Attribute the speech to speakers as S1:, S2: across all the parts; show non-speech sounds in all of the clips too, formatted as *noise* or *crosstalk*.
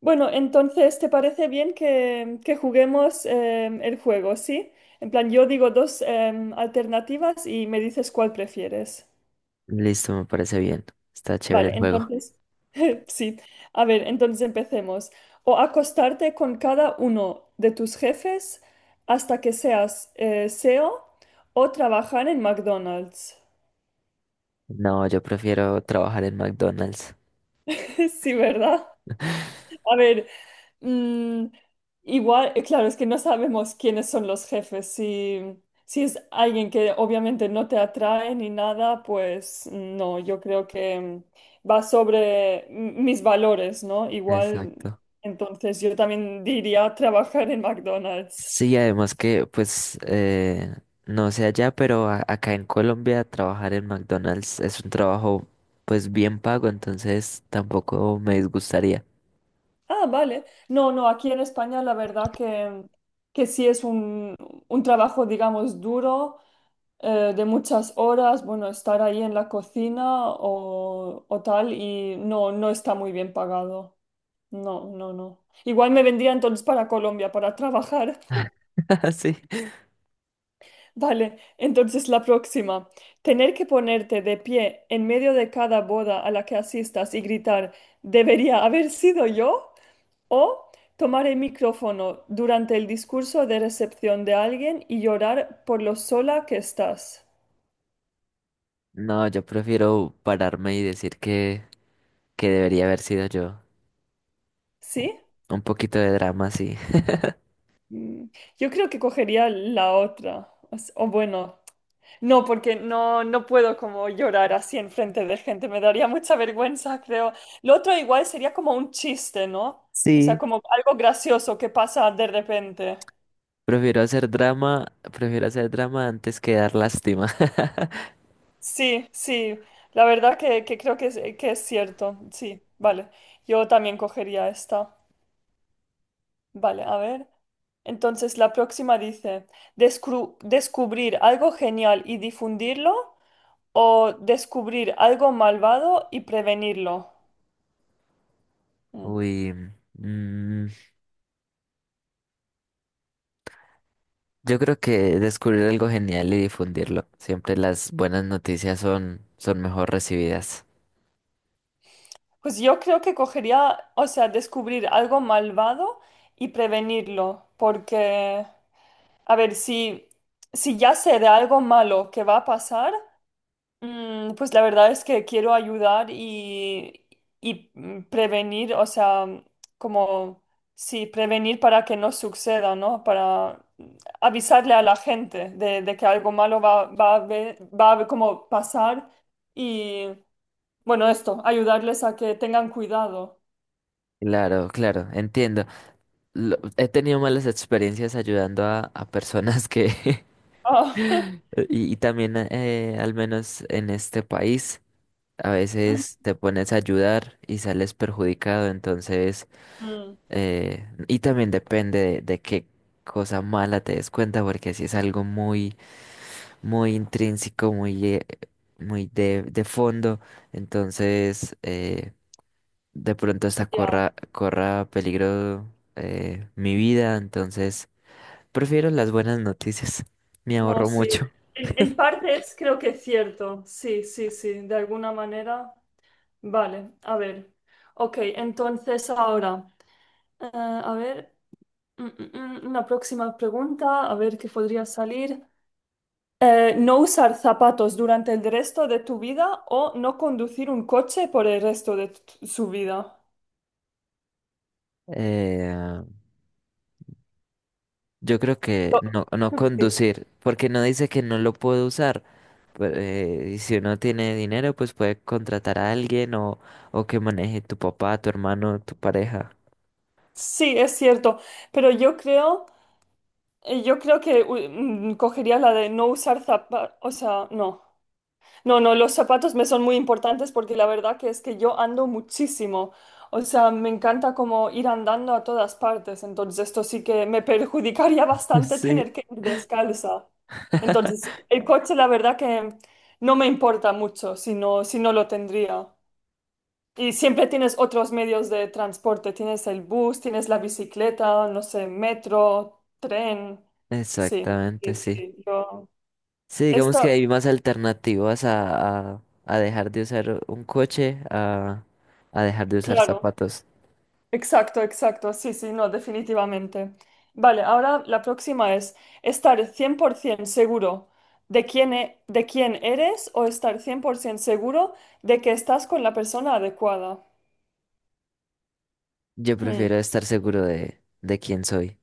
S1: Bueno, entonces, ¿te parece bien que juguemos el juego, sí? En plan, yo digo dos alternativas y me dices cuál prefieres.
S2: Listo, me parece bien. Está chévere el
S1: Vale,
S2: juego.
S1: entonces, *laughs* sí. A ver, entonces empecemos. O acostarte con cada uno de tus jefes hasta que seas CEO o trabajar en McDonald's.
S2: No, yo prefiero trabajar en McDonald's.
S1: *laughs* Sí, ¿verdad? A ver, mm, igual, claro, es que no sabemos quiénes son los jefes. Si, si es alguien que obviamente no te atrae ni nada, pues no, yo creo que va sobre mis valores, ¿no? Igual,
S2: Exacto.
S1: entonces yo también diría *laughs* trabajar en McDonald's.
S2: Sí, además que, pues, no sé allá, pero acá en Colombia trabajar en McDonald's es un trabajo, pues, bien pago, entonces tampoco me disgustaría.
S1: Ah, vale. No, no, aquí en España la verdad que sí es un trabajo, digamos, duro, de muchas horas, bueno, estar ahí en la cocina o tal, y no, no está muy bien pagado. No, no, no. Igual me vendría entonces para Colombia para trabajar.
S2: *laughs* Sí.
S1: *laughs* Vale, entonces la próxima. Tener que ponerte de pie en medio de cada boda a la que asistas y gritar, ¿debería haber sido yo? O tomar el micrófono durante el discurso de recepción de alguien y llorar por lo sola que estás.
S2: No, yo prefiero pararme y decir que debería haber sido yo.
S1: ¿Sí?
S2: Un poquito de drama, sí.
S1: Mm, yo creo que cogería la otra. O bueno, no, porque no, no puedo como llorar así en frente de gente. Me daría mucha vergüenza, creo. Lo otro igual sería como un chiste, ¿no? O sea,
S2: Sí.
S1: como algo gracioso que pasa de repente.
S2: Prefiero hacer drama antes que dar lástima.
S1: Sí, sí. La verdad que creo que es cierto. Sí, vale. Yo también cogería esta. Vale, a ver. Entonces, la próxima dice, descubrir algo genial y difundirlo, o descubrir algo malvado y prevenirlo." Mm.
S2: Uy, mm, yo creo que descubrir algo genial y difundirlo. Siempre las buenas noticias son, son mejor recibidas.
S1: Pues yo creo que cogería, o sea, descubrir algo malvado y prevenirlo, porque, a ver, si, si ya sé de algo malo que va a pasar. Pues la verdad es que quiero ayudar y prevenir, o sea, como, sí, prevenir para que no suceda, ¿no? Para avisarle a la gente de que algo malo va a ver como pasar y, bueno, esto, ayudarles a que tengan cuidado.
S2: Claro, claro, entiendo. He tenido malas experiencias ayudando a personas que... *laughs*
S1: Ah,
S2: Y, y también, al menos en este país, a veces
S1: *laughs*
S2: te pones a ayudar y sales perjudicado. Entonces,
S1: mm,
S2: y también depende de qué cosa mala te des cuenta, porque si es algo muy muy intrínseco, muy, muy de fondo. Entonces, de pronto hasta
S1: ya.
S2: corra peligro mi vida. Entonces, prefiero las buenas noticias. Me
S1: No,
S2: ahorro
S1: sí.
S2: mucho.
S1: En partes creo que es cierto. Sí, sí, sí. De alguna manera. Vale, a ver. Ok, entonces ahora, a ver. Una próxima pregunta. A ver qué podría salir. No usar zapatos durante el resto de tu vida o no conducir un coche por el resto su vida.
S2: Eh, yo creo que
S1: Oh,
S2: no
S1: sí.
S2: conducir, porque no dice que no lo puedo usar. Pero, y si uno tiene dinero, pues puede contratar a alguien o que maneje tu papá, tu hermano, tu pareja.
S1: Sí, es cierto, pero yo creo que cogería la de no usar zapatos, o sea, no. No, no, los zapatos me son muy importantes porque la verdad que es que yo ando muchísimo. O sea, me encanta como ir andando a todas partes. Entonces, esto sí que me perjudicaría *laughs*
S2: *laughs*
S1: bastante
S2: Sí.
S1: tener que ir descalza. Entonces, el coche la verdad que no me importa mucho si no, si no lo tendría. Y siempre tienes otros medios de transporte. Tienes el bus, tienes la bicicleta, no sé, metro, tren. Sí,
S2: Exactamente,
S1: sí,
S2: sí.
S1: sí. Yo...
S2: Sí, digamos que
S1: Esta,
S2: hay más alternativas a dejar de usar un coche, a dejar de usar
S1: claro.
S2: zapatos.
S1: Exacto, exacto, sí, sí, no, definitivamente. Vale, ahora la próxima es estar 100% seguro de quién eres o estar 100% seguro de que estás con la persona adecuada.
S2: Yo prefiero
S1: Mm.
S2: estar seguro de quién soy.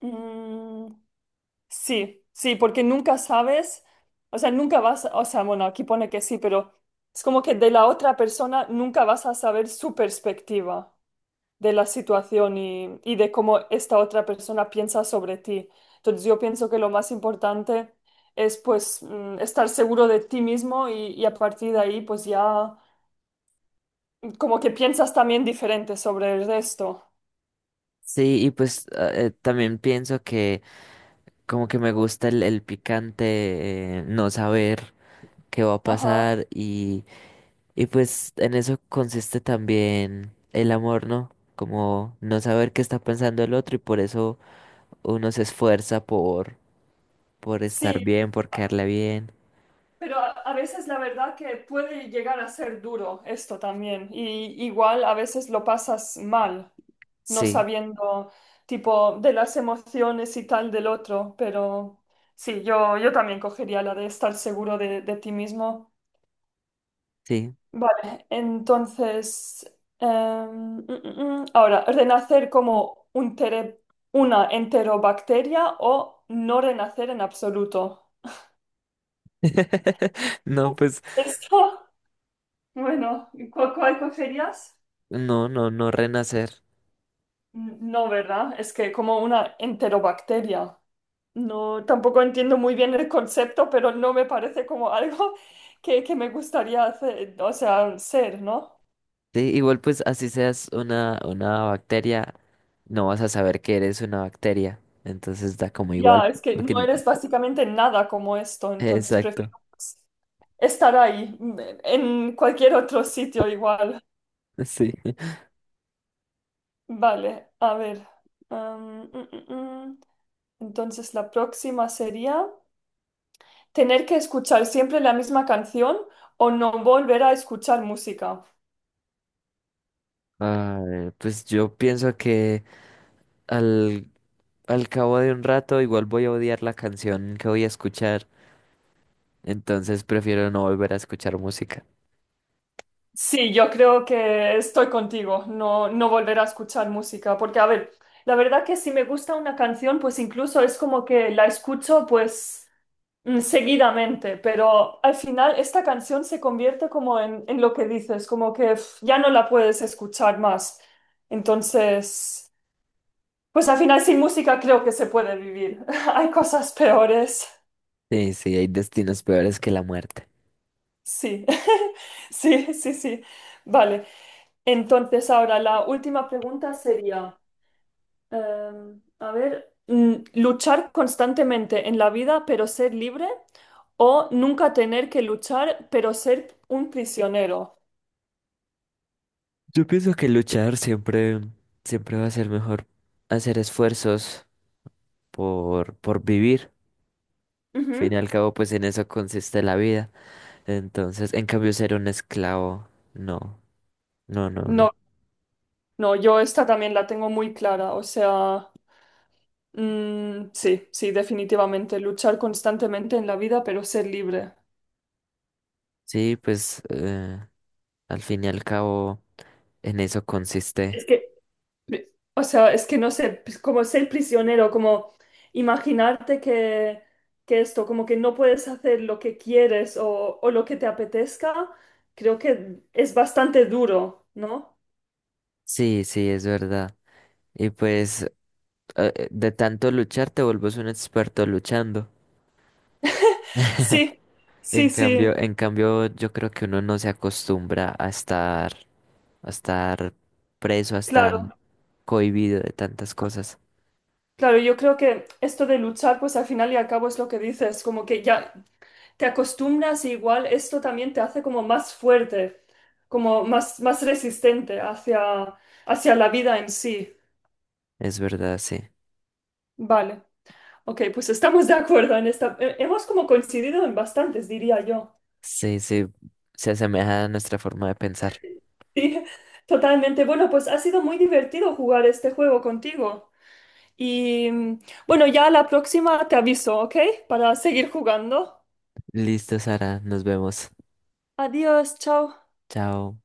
S1: Mm, sí, sí, porque nunca sabes, o sea, nunca vas, o sea, bueno, aquí pone que sí, pero es como que de la otra persona nunca vas a saber su perspectiva de la situación y de cómo esta otra persona piensa sobre ti. Entonces yo pienso que lo más importante es pues estar seguro de ti mismo y a partir de ahí pues ya como que piensas también diferente sobre el resto.
S2: Sí, y pues ah, también pienso que como que me gusta el picante, no saber qué va a
S1: Ajá.
S2: pasar y pues en eso consiste también el amor, ¿no? Como no saber qué está pensando el otro y por eso uno se esfuerza por estar
S1: Sí,
S2: bien, por caerle bien.
S1: pero a veces la verdad que puede llegar a ser duro esto también. Y igual a veces lo pasas mal, no
S2: Sí.
S1: sabiendo tipo de las emociones y tal del otro. Pero sí, yo también cogería la de estar seguro de ti mismo.
S2: Sí.
S1: Vale, entonces, em, mm. ahora, ¿renacer como una enterobacteria o no renacer en absoluto?
S2: *laughs* No,
S1: *laughs*
S2: pues,
S1: Esto, bueno, ¿y cuál cogerías?
S2: no, no, no renacer.
S1: No, ¿verdad? Es que como una enterobacteria. No, tampoco entiendo muy bien el concepto, pero no me parece como *laughs* algo que me gustaría hacer, o sea, ser, ¿no?
S2: Sí, igual pues así seas una bacteria, no vas a saber que eres una bacteria. Entonces da como igual,
S1: Ya, es que
S2: porque
S1: no eres básicamente nada como esto, entonces prefiero
S2: exacto.
S1: estar ahí, en cualquier otro sitio igual.
S2: *laughs* Sí.
S1: Vale, a ver. Am, mm, mm, mm. Entonces la próxima sería... Tener que escuchar siempre la misma canción o no volver a escuchar música.
S2: A ver, pues yo pienso que al, al cabo de un rato igual voy a odiar la canción que voy a escuchar. Entonces prefiero no volver a escuchar música.
S1: Sí, yo creo que estoy contigo, no, no volver a escuchar música, porque a ver, la verdad que si me gusta una canción, pues incluso es como que la escucho pues seguidamente, pero al final esta canción se convierte como en lo que dices, como que pf, ya no la puedes escuchar más. Entonces, pues al final sin música creo que se puede vivir. *laughs* Hay cosas peores.
S2: Sí, sí, hay destinos peores que la muerte.
S1: Sí, *laughs* sí, sí, sí. Vale. Entonces, ahora la última pregunta sería, eh, a ver, luchar constantemente en la vida pero ser libre o nunca tener que luchar pero ser un prisionero.
S2: Yo pienso que luchar siempre, siempre va a ser mejor hacer esfuerzos por vivir. Al fin y
S1: Ujú.
S2: al cabo, pues en eso consiste la vida. Entonces, en cambio, ser un esclavo, no, no, no, no.
S1: No, no, yo esta también la tengo muy clara. O sea, sí, sí, definitivamente, luchar constantemente en la vida pero ser libre.
S2: Sí, pues al fin y al cabo, en eso consiste.
S1: Es que o sea, es que no sé, pues, como ser prisionero, como imaginarte que esto, como que no puedes hacer lo que quieres o lo que te apetezca, creo que es bastante duro, ¿no?
S2: Sí, sí, es verdad. Y pues de tanto luchar te vuelves un experto luchando.
S1: *laughs*
S2: *laughs*
S1: Sí, sí, sí,
S2: En cambio, yo creo que uno no se acostumbra a estar preso, a estar
S1: claro.
S2: cohibido de tantas cosas.
S1: Claro, yo creo que esto de luchar, pues al final y al cabo es lo que dices, como que ya te acostumbras y igual esto también te hace como más fuerte, como más resistente hacia, hacia la vida en sí.
S2: Es verdad, sí.
S1: Vale. Ok, pues estamos de acuerdo en esta. Hemos como coincidido en bastantes, diría yo. *laughs*
S2: Sí, sí, se asemeja a nuestra forma de pensar.
S1: Sí, totalmente. Bueno, pues ha sido muy divertido jugar este juego contigo. Y bueno, ya la próxima te aviso, ¿ok? Para seguir jugando.
S2: Listo, Sara, nos vemos.
S1: Adiós, chao.
S2: Chao.